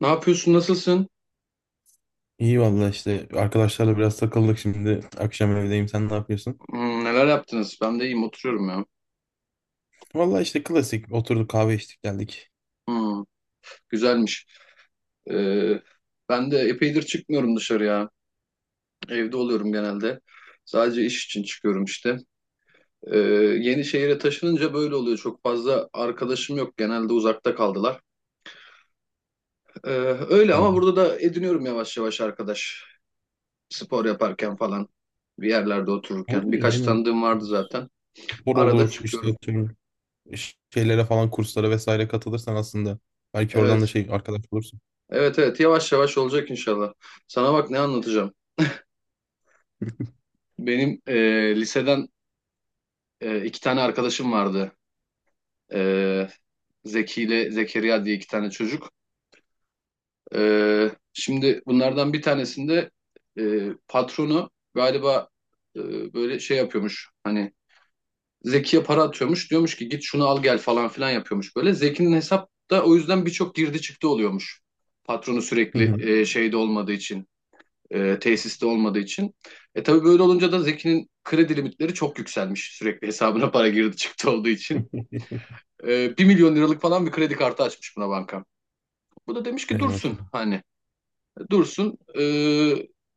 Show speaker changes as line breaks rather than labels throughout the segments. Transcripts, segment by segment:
Ne yapıyorsun? Nasılsın?
İyi valla işte arkadaşlarla biraz takıldık şimdi. Akşam evdeyim, sen ne yapıyorsun?
Neler yaptınız? Ben de iyiyim. Oturuyorum ya.
Valla işte klasik oturduk, kahve içtik, geldik.
Hmm, Güzelmiş. Ee, Ben de epeydir çıkmıyorum dışarıya. Evde oluyorum genelde. Sadece iş için çıkıyorum işte. Ee, Yeni şehire taşınınca böyle oluyor. Çok fazla arkadaşım yok. Genelde uzakta kaldılar. Ee, Öyle
Hı.
ama burada da ediniyorum yavaş yavaş arkadaş. Spor yaparken falan. Bir yerlerde
Olur
otururken.
ya,
Birkaç
aynen.
tanıdığım vardı zaten.
Spor
Arada
olur işte,
çıkıyorum.
tüm şeylere falan, kurslara vesaire katılırsan aslında. Belki oradan da
Evet.
şey arkadaş bulursun.
Evet evet, yavaş yavaş olacak inşallah. Sana bak ne anlatacağım. Benim liseden iki tane arkadaşım vardı. E, Zeki ile Zekeriya diye iki tane çocuk. Şimdi bunlardan bir tanesinde patronu galiba e, böyle şey yapıyormuş. Hani Zeki'ye para atıyormuş. Diyormuş ki git şunu al gel falan filan yapıyormuş böyle. Zeki'nin hesapta o yüzden birçok girdi çıktı oluyormuş. Patronu
Hı
sürekli
hı.
e, şeyde olmadığı için. E, tesiste olmadığı için. E tabii böyle olunca da Zeki'nin kredi limitleri çok yükselmiş. Sürekli hesabına para girdi çıktı olduğu için. 1 milyon liralık falan bir kredi kartı açmış buna banka. Bu da demiş ki
Ey
dursun,
maşallah.
hani dursun,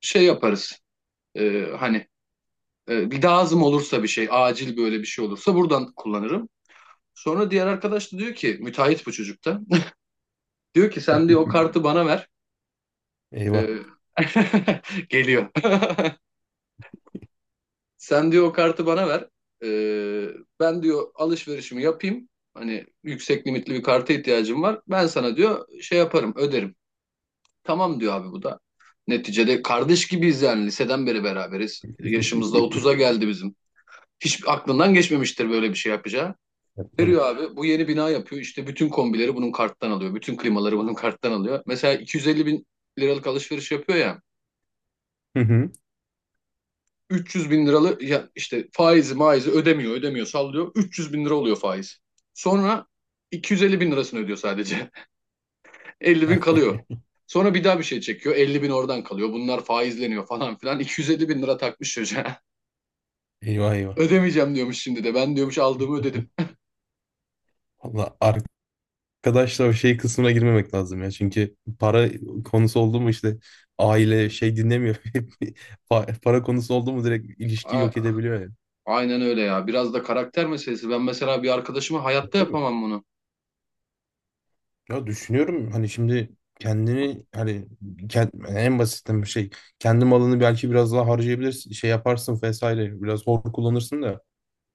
şey yaparız. Hani bir lazım olursa, bir şey acil böyle bir şey olursa buradan kullanırım. Sonra diğer arkadaş da diyor ki müteahhit bu çocukta. Diyor ki sen diyor o kartı bana ver.
Eyvah.
E, geliyor. Sen diyor o kartı bana ver. Ee, Ben diyor alışverişimi yapayım. Hani yüksek limitli bir karta ihtiyacım var. Ben sana diyor şey yaparım, öderim. Tamam diyor abi bu da. Neticede kardeş gibiyiz yani, liseden beri beraberiz. Yaşımızda 30'a geldi bizim. Hiç aklından geçmemiştir böyle bir şey yapacağı.
Ya, tabii.
Veriyor abi, bu yeni bina yapıyor. İşte bütün kombileri bunun karttan alıyor. Bütün klimaları bunun karttan alıyor. Mesela 250 bin liralık alışveriş yapıyor ya.
Hı hı.
300 bin liralı ya işte, faizi maizi ödemiyor ödemiyor sallıyor, 300 bin lira oluyor faiz. Sonra 250 bin lirasını ödüyor sadece, 50 bin kalıyor. Sonra bir daha bir şey çekiyor, 50 bin oradan kalıyor, bunlar faizleniyor falan filan, 250 bin lira takmış çocuğa.
Eyvah eyvah.
Ödemeyeceğim diyormuş şimdi de, ben diyormuş aldığımı ödedim.
Valla arkadaşlar o şey kısmına girmemek lazım ya. Çünkü para konusu oldu mu işte aile şey dinlemiyor. Para konusu oldu mu direkt ilişkiyi
A-
yok edebiliyor yani.
Aynen öyle ya, biraz da karakter meselesi. Ben mesela bir arkadaşıma hayatta
Tabii.
yapamam bunu.
Ya, düşünüyorum hani şimdi kendini, hani en basitten bir şey, kendi malını belki biraz daha harcayabilirsin, şey yaparsın vesaire, biraz hor kullanırsın da,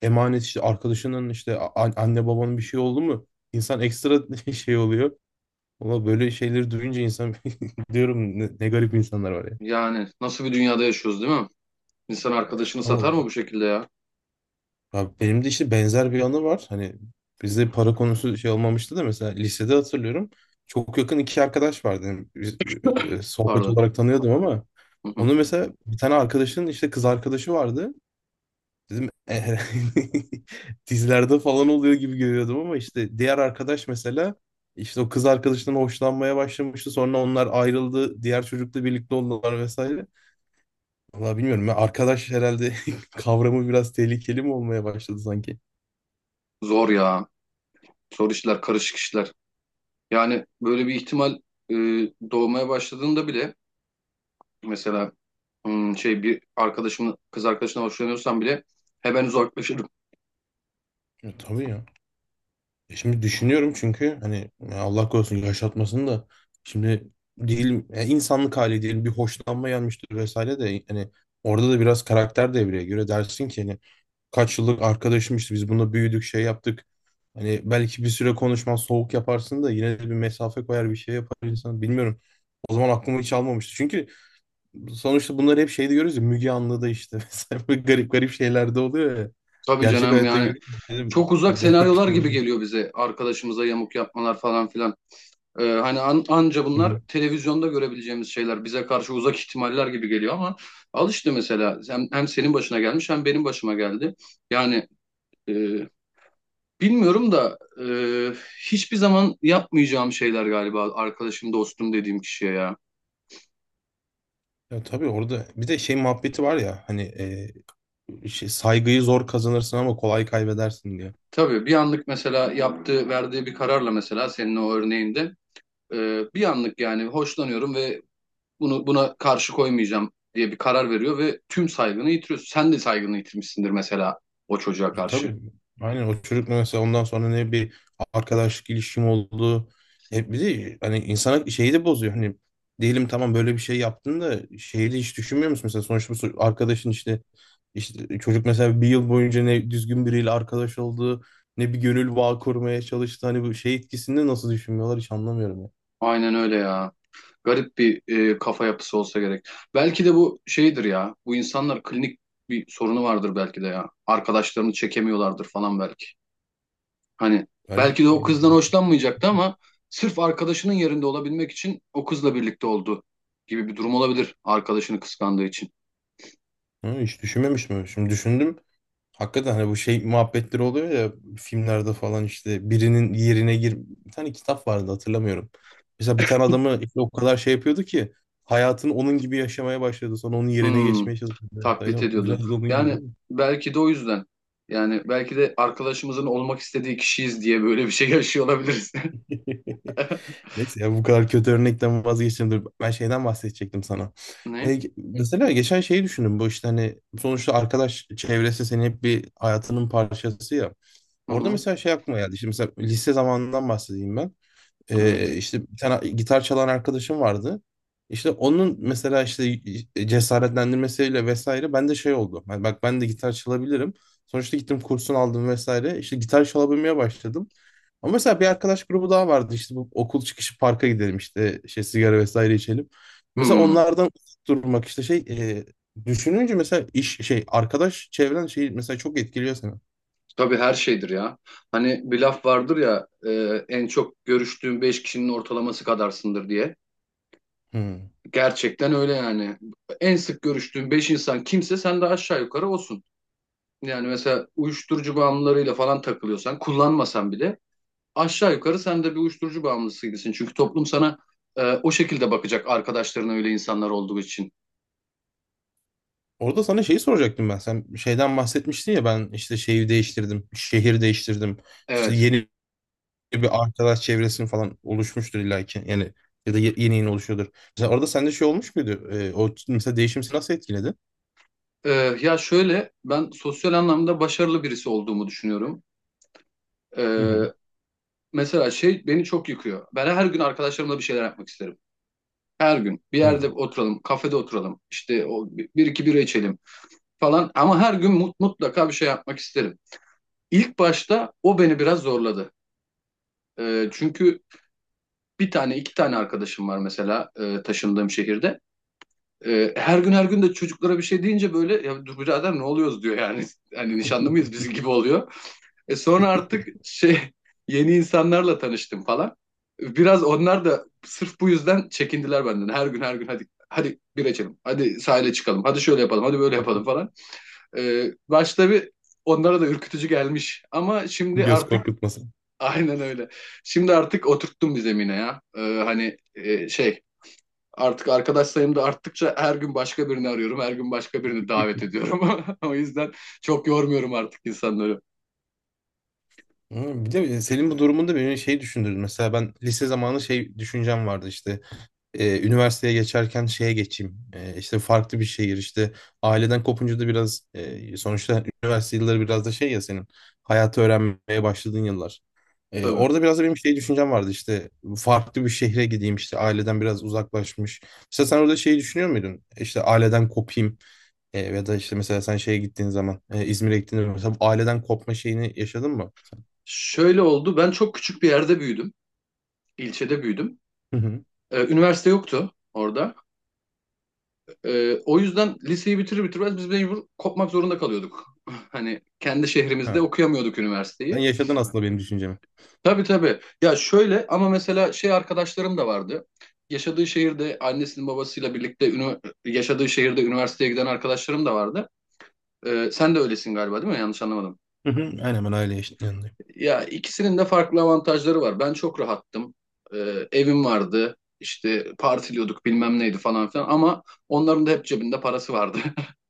emanet işte arkadaşının, işte anne babanın bir şey oldu mu insan ekstra şey oluyor. Valla böyle şeyleri duyunca insan diyorum, ne garip insanlar var ya.
Yani nasıl bir dünyada yaşıyoruz değil mi? İnsan arkadaşını
Ama
satar mı bu şekilde ya?
abi benim de işte benzer bir anı var. Hani bizde para konusu şey olmamıştı da, mesela lisede hatırlıyorum. Çok yakın iki arkadaş vardı. Yani biz, sohbet
Pardon.
olarak tanıyordum ama
Hı hı.
onu, mesela bir tane arkadaşın işte kız arkadaşı vardı. Dedim, "Eh, dizilerde falan oluyor gibi görüyordum ama işte diğer arkadaş, mesela işte o kız arkadaşından hoşlanmaya başlamıştı. Sonra onlar ayrıldı. Diğer çocukla birlikte oldular vesaire. Vallahi bilmiyorum. Ya, arkadaş herhalde kavramı biraz tehlikeli mi olmaya başladı sanki?
Zor ya. Zor işler, karışık işler. Yani böyle bir ihtimal e, doğmaya başladığında bile, mesela şey, bir arkadaşımın kız arkadaşına hoşlanıyorsam bile hemen uzaklaşırım.
Tabii ya. E, Şimdi düşünüyorum, çünkü hani ya Allah korusun, yaşatmasın da, şimdi değil, insanlık hali diyelim, bir hoşlanma gelmiştir vesaire de, hani orada da biraz karakter devreye göre dersin ki hani kaç yıllık arkadaşmışız, biz bununla büyüdük, şey yaptık. Hani belki bir süre konuşmaz, soğuk yaparsın da yine de bir mesafe koyar, bir şey yapar insan, bilmiyorum. O zaman aklıma hiç almamıştı. Çünkü sonuçta bunları hep şeyde görüyoruz ya, Müge Anlı'da işte mesela böyle garip garip şeyler de oluyor ya.
Tabii
Gerçek
canım,
hayatta
yani
görüyoruz, dedim.
çok uzak
Demek ki
senaryolar
bu.
gibi geliyor bize arkadaşımıza yamuk yapmalar falan filan. Hani anca
Hı
bunlar
hı.
televizyonda görebileceğimiz şeyler, bize karşı uzak ihtimaller gibi geliyor ama al işte, mesela hem senin başına gelmiş hem benim başıma geldi. Yani e, bilmiyorum da e, hiçbir zaman yapmayacağım şeyler galiba arkadaşım, dostum dediğim kişiye ya.
Ya tabii, orada bir de şey muhabbeti var ya hani, şey, saygıyı zor kazanırsın ama kolay kaybedersin diye.
Tabii bir anlık, mesela yaptığı, verdiği bir kararla, mesela senin o örneğinde bir anlık yani hoşlanıyorum ve bunu, buna karşı koymayacağım diye bir karar veriyor ve tüm saygını yitiriyorsun. Sen de saygını yitirmişsindir mesela o çocuğa
Ya
karşı.
tabii, aynen, o çocukla mesela ondan sonra ne bir arkadaşlık ilişkim oldu. Hep bir de hani insana şeyi de bozuyor. Hani diyelim tamam, böyle bir şey yaptın da şeyi de hiç düşünmüyor musun? Mesela sonuçta bu arkadaşın, işte çocuk mesela bir yıl boyunca ne düzgün biriyle arkadaş oldu, ne bir gönül bağı kurmaya çalıştı. Hani bu şey etkisini nasıl düşünmüyorlar, hiç anlamıyorum ya.
Aynen öyle ya. Garip bir kafa yapısı olsa gerek. Belki de bu şeydir ya. Bu insanlar klinik bir sorunu vardır belki de ya. Arkadaşlarını çekemiyorlardır falan belki. Hani
Ali
belki de o kızdan hoşlanmayacaktı ama sırf arkadaşının yerinde olabilmek için o kızla birlikte oldu gibi bir durum olabilir, arkadaşını kıskandığı için.
Ha, hiç düşünmemiştim. Şimdi düşündüm. Hakikaten hani bu şey muhabbetleri oluyor ya, filmlerde falan, işte birinin yerine gir... Bir tane kitap vardı, hatırlamıyorum. Mesela bir tane adamı işte o kadar şey yapıyordu ki, hayatını onun gibi yaşamaya başladı. Sonra onun yerine
Hmm,
geçmeye çalışıyordu.
Taklit
Aynen,
ediyordu.
biraz da onun gibi
Yani
değil
belki de o yüzden. Yani belki de arkadaşımızın olmak istediği kişiyiz diye böyle bir şey yaşıyor olabiliriz.
mi? Neyse ya, bu kadar kötü örnekten vazgeçtim. Dur, ben şeyden bahsedecektim sana.
Ne?
Mesela geçen şeyi düşündüm. Bu işte hani sonuçta arkadaş çevresi senin hep bir hayatının parçası ya.
Hı
Orada
hı,
mesela şey aklıma geldi. Şimdi mesela lise zamanından bahsedeyim ben.
evet.
İşte bir tane gitar çalan arkadaşım vardı. İşte onun mesela işte cesaretlendirmesiyle vesaire, ben de şey oldu. Yani bak, ben de gitar çalabilirim. Sonuçta gittim, kursunu aldım vesaire. İşte gitar çalabilmeye başladım. Ama mesela bir arkadaş grubu daha vardı. İşte bu okul çıkışı parka gidelim, işte şey sigara vesaire içelim. Mesela
Hmm,
onlardan uzak durmak, işte şey, düşününce mesela iş şey arkadaş çevren şey mesela çok etkiliyor seni.
tabii, her şeydir ya. Hani bir laf vardır ya, en çok görüştüğün beş kişinin ortalaması kadarsındır diye.
Hmm.
Gerçekten öyle yani. En sık görüştüğün 5 insan kimse, sen de aşağı yukarı olsun. Yani mesela uyuşturucu bağımlılarıyla falan takılıyorsan, kullanmasan bile aşağı yukarı sen de bir uyuşturucu bağımlısı gibisin. Çünkü toplum sana o şekilde bakacak, arkadaşların öyle insanlar olduğu için.
Orada sana şeyi soracaktım ben. Sen şeyden bahsetmiştin ya, ben işte şeyi değiştirdim, şehir değiştirdim. İşte
Evet.
yeni bir arkadaş çevresin falan oluşmuştur illaki. Yani, ya da yeni yeni oluşuyordur. Mesela orada sende şey olmuş muydu? O mesela değişim seni nasıl etkiledi?
E, Ya şöyle, ben sosyal anlamda başarılı birisi olduğumu düşünüyorum.
Hı hı.
E, Mesela şey beni çok yıkıyor. Ben her gün arkadaşlarımla bir şeyler yapmak isterim. Her gün bir yerde
Hı.
oturalım, kafede oturalım, işte o bir iki bira içelim falan, ama her gün mutlaka bir şey yapmak isterim. İlk başta o beni biraz zorladı. Çünkü bir tane iki tane arkadaşım var mesela taşındığım şehirde. Her gün her gün de çocuklara bir şey deyince böyle "ya dur birader, ne oluyoruz" diyor yani. Hani nişanlı mıyız bizim gibi oluyor. Sonra artık şey, yeni insanlarla tanıştım falan. Biraz onlar da sırf bu yüzden çekindiler benden. Her gün her gün, hadi hadi bir içelim, hadi sahile çıkalım, hadi şöyle yapalım, hadi böyle yapalım falan. Başta bir onlara da ürkütücü gelmiş ama şimdi
Göz
artık
korkutması.
aynen öyle. Şimdi artık oturttum bir zemine ya. Hani artık arkadaş sayım da arttıkça her gün başka birini arıyorum. Her gün başka birini davet ediyorum. O yüzden çok yormuyorum artık insanları.
Hı, bir de senin bu durumunda beni şey düşündürdü. Mesela ben lise zamanı şey düşüncem vardı işte. Üniversiteye geçerken şeye geçeyim. İşte farklı bir şehir, işte aileden kopunca da biraz, sonuçta üniversite yılları biraz da şey ya, senin hayatı öğrenmeye başladığın yıllar.
Tabii.
Orada biraz da benim şey düşüncem vardı işte, farklı bir şehre gideyim işte, aileden biraz uzaklaşmış. Mesela sen orada şeyi düşünüyor muydun? İşte aileden kopayım, ya da işte mesela sen şeye gittiğin zaman, İzmir'e gittiğinde mesela bu aileden kopma şeyini yaşadın mı sen?
Şöyle oldu. Ben çok küçük bir yerde büyüdüm. İlçede büyüdüm.
Hı hı.
Üniversite yoktu orada. O yüzden liseyi bitirir bitirmez biz mecbur kopmak zorunda kalıyorduk. Hani kendi şehrimizde
Ha.
okuyamıyorduk
Sen
üniversiteyi.
yaşadın aslında benim düşüncemi.
Tabii tabii. Ya şöyle, ama mesela şey, arkadaşlarım da vardı. Yaşadığı şehirde annesinin babasıyla birlikte yaşadığı şehirde üniversiteye giden arkadaşlarım da vardı. Sen de öylesin galiba, değil mi? Yanlış anlamadım.
Hı hı. Aynen, ben aile yaşadığım.
Ya ikisinin de farklı avantajları var. Ben çok rahattım. Evim vardı. İşte partiliyorduk, bilmem neydi falan filan, ama onların da hep cebinde parası vardı.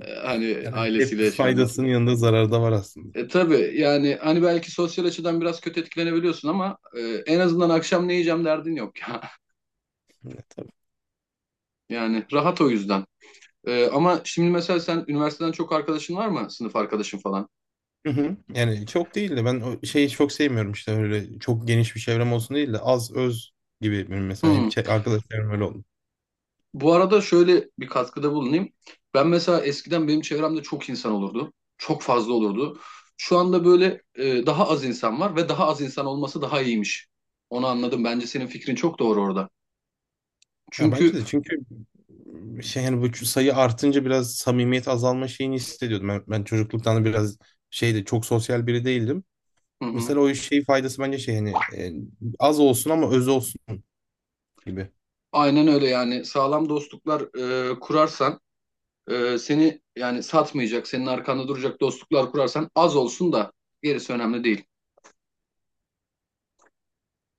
Hani
Yani hep
ailesiyle yaşayanlar.
faydasının yanında zararı da var aslında.
E tabii yani, hani belki sosyal açıdan biraz kötü etkilenebiliyorsun ama en azından akşam ne yiyeceğim derdin yok.
Ya, tabii.
Yani rahat o yüzden. Ama şimdi mesela sen üniversiteden çok arkadaşın var mı? Sınıf arkadaşın falan.
Hı hı. Yani çok değil de, ben o şeyi çok sevmiyorum işte, öyle çok geniş bir çevrem olsun değil de, az öz gibi, benim mesela hep
Hmm.
arkadaş çevrem öyle oldu.
Bu arada şöyle bir katkıda bulunayım. Ben mesela eskiden benim çevremde çok insan olurdu. Çok fazla olurdu. Şu anda böyle daha az insan var ve daha az insan olması daha iyiymiş. Onu anladım. Bence senin fikrin çok doğru orada.
Ya
Çünkü
bence de, çünkü şey yani bu sayı artınca biraz samimiyet azalma şeyini hissediyordum. Ben çocukluktan da biraz şeyde çok sosyal biri değildim.
hı hı,
Mesela o şey faydası bence şey, hani az olsun ama öz olsun gibi.
aynen öyle yani. Sağlam dostluklar kurarsan, seni yani satmayacak, senin arkanda duracak dostluklar kurarsan, az olsun da gerisi önemli değil.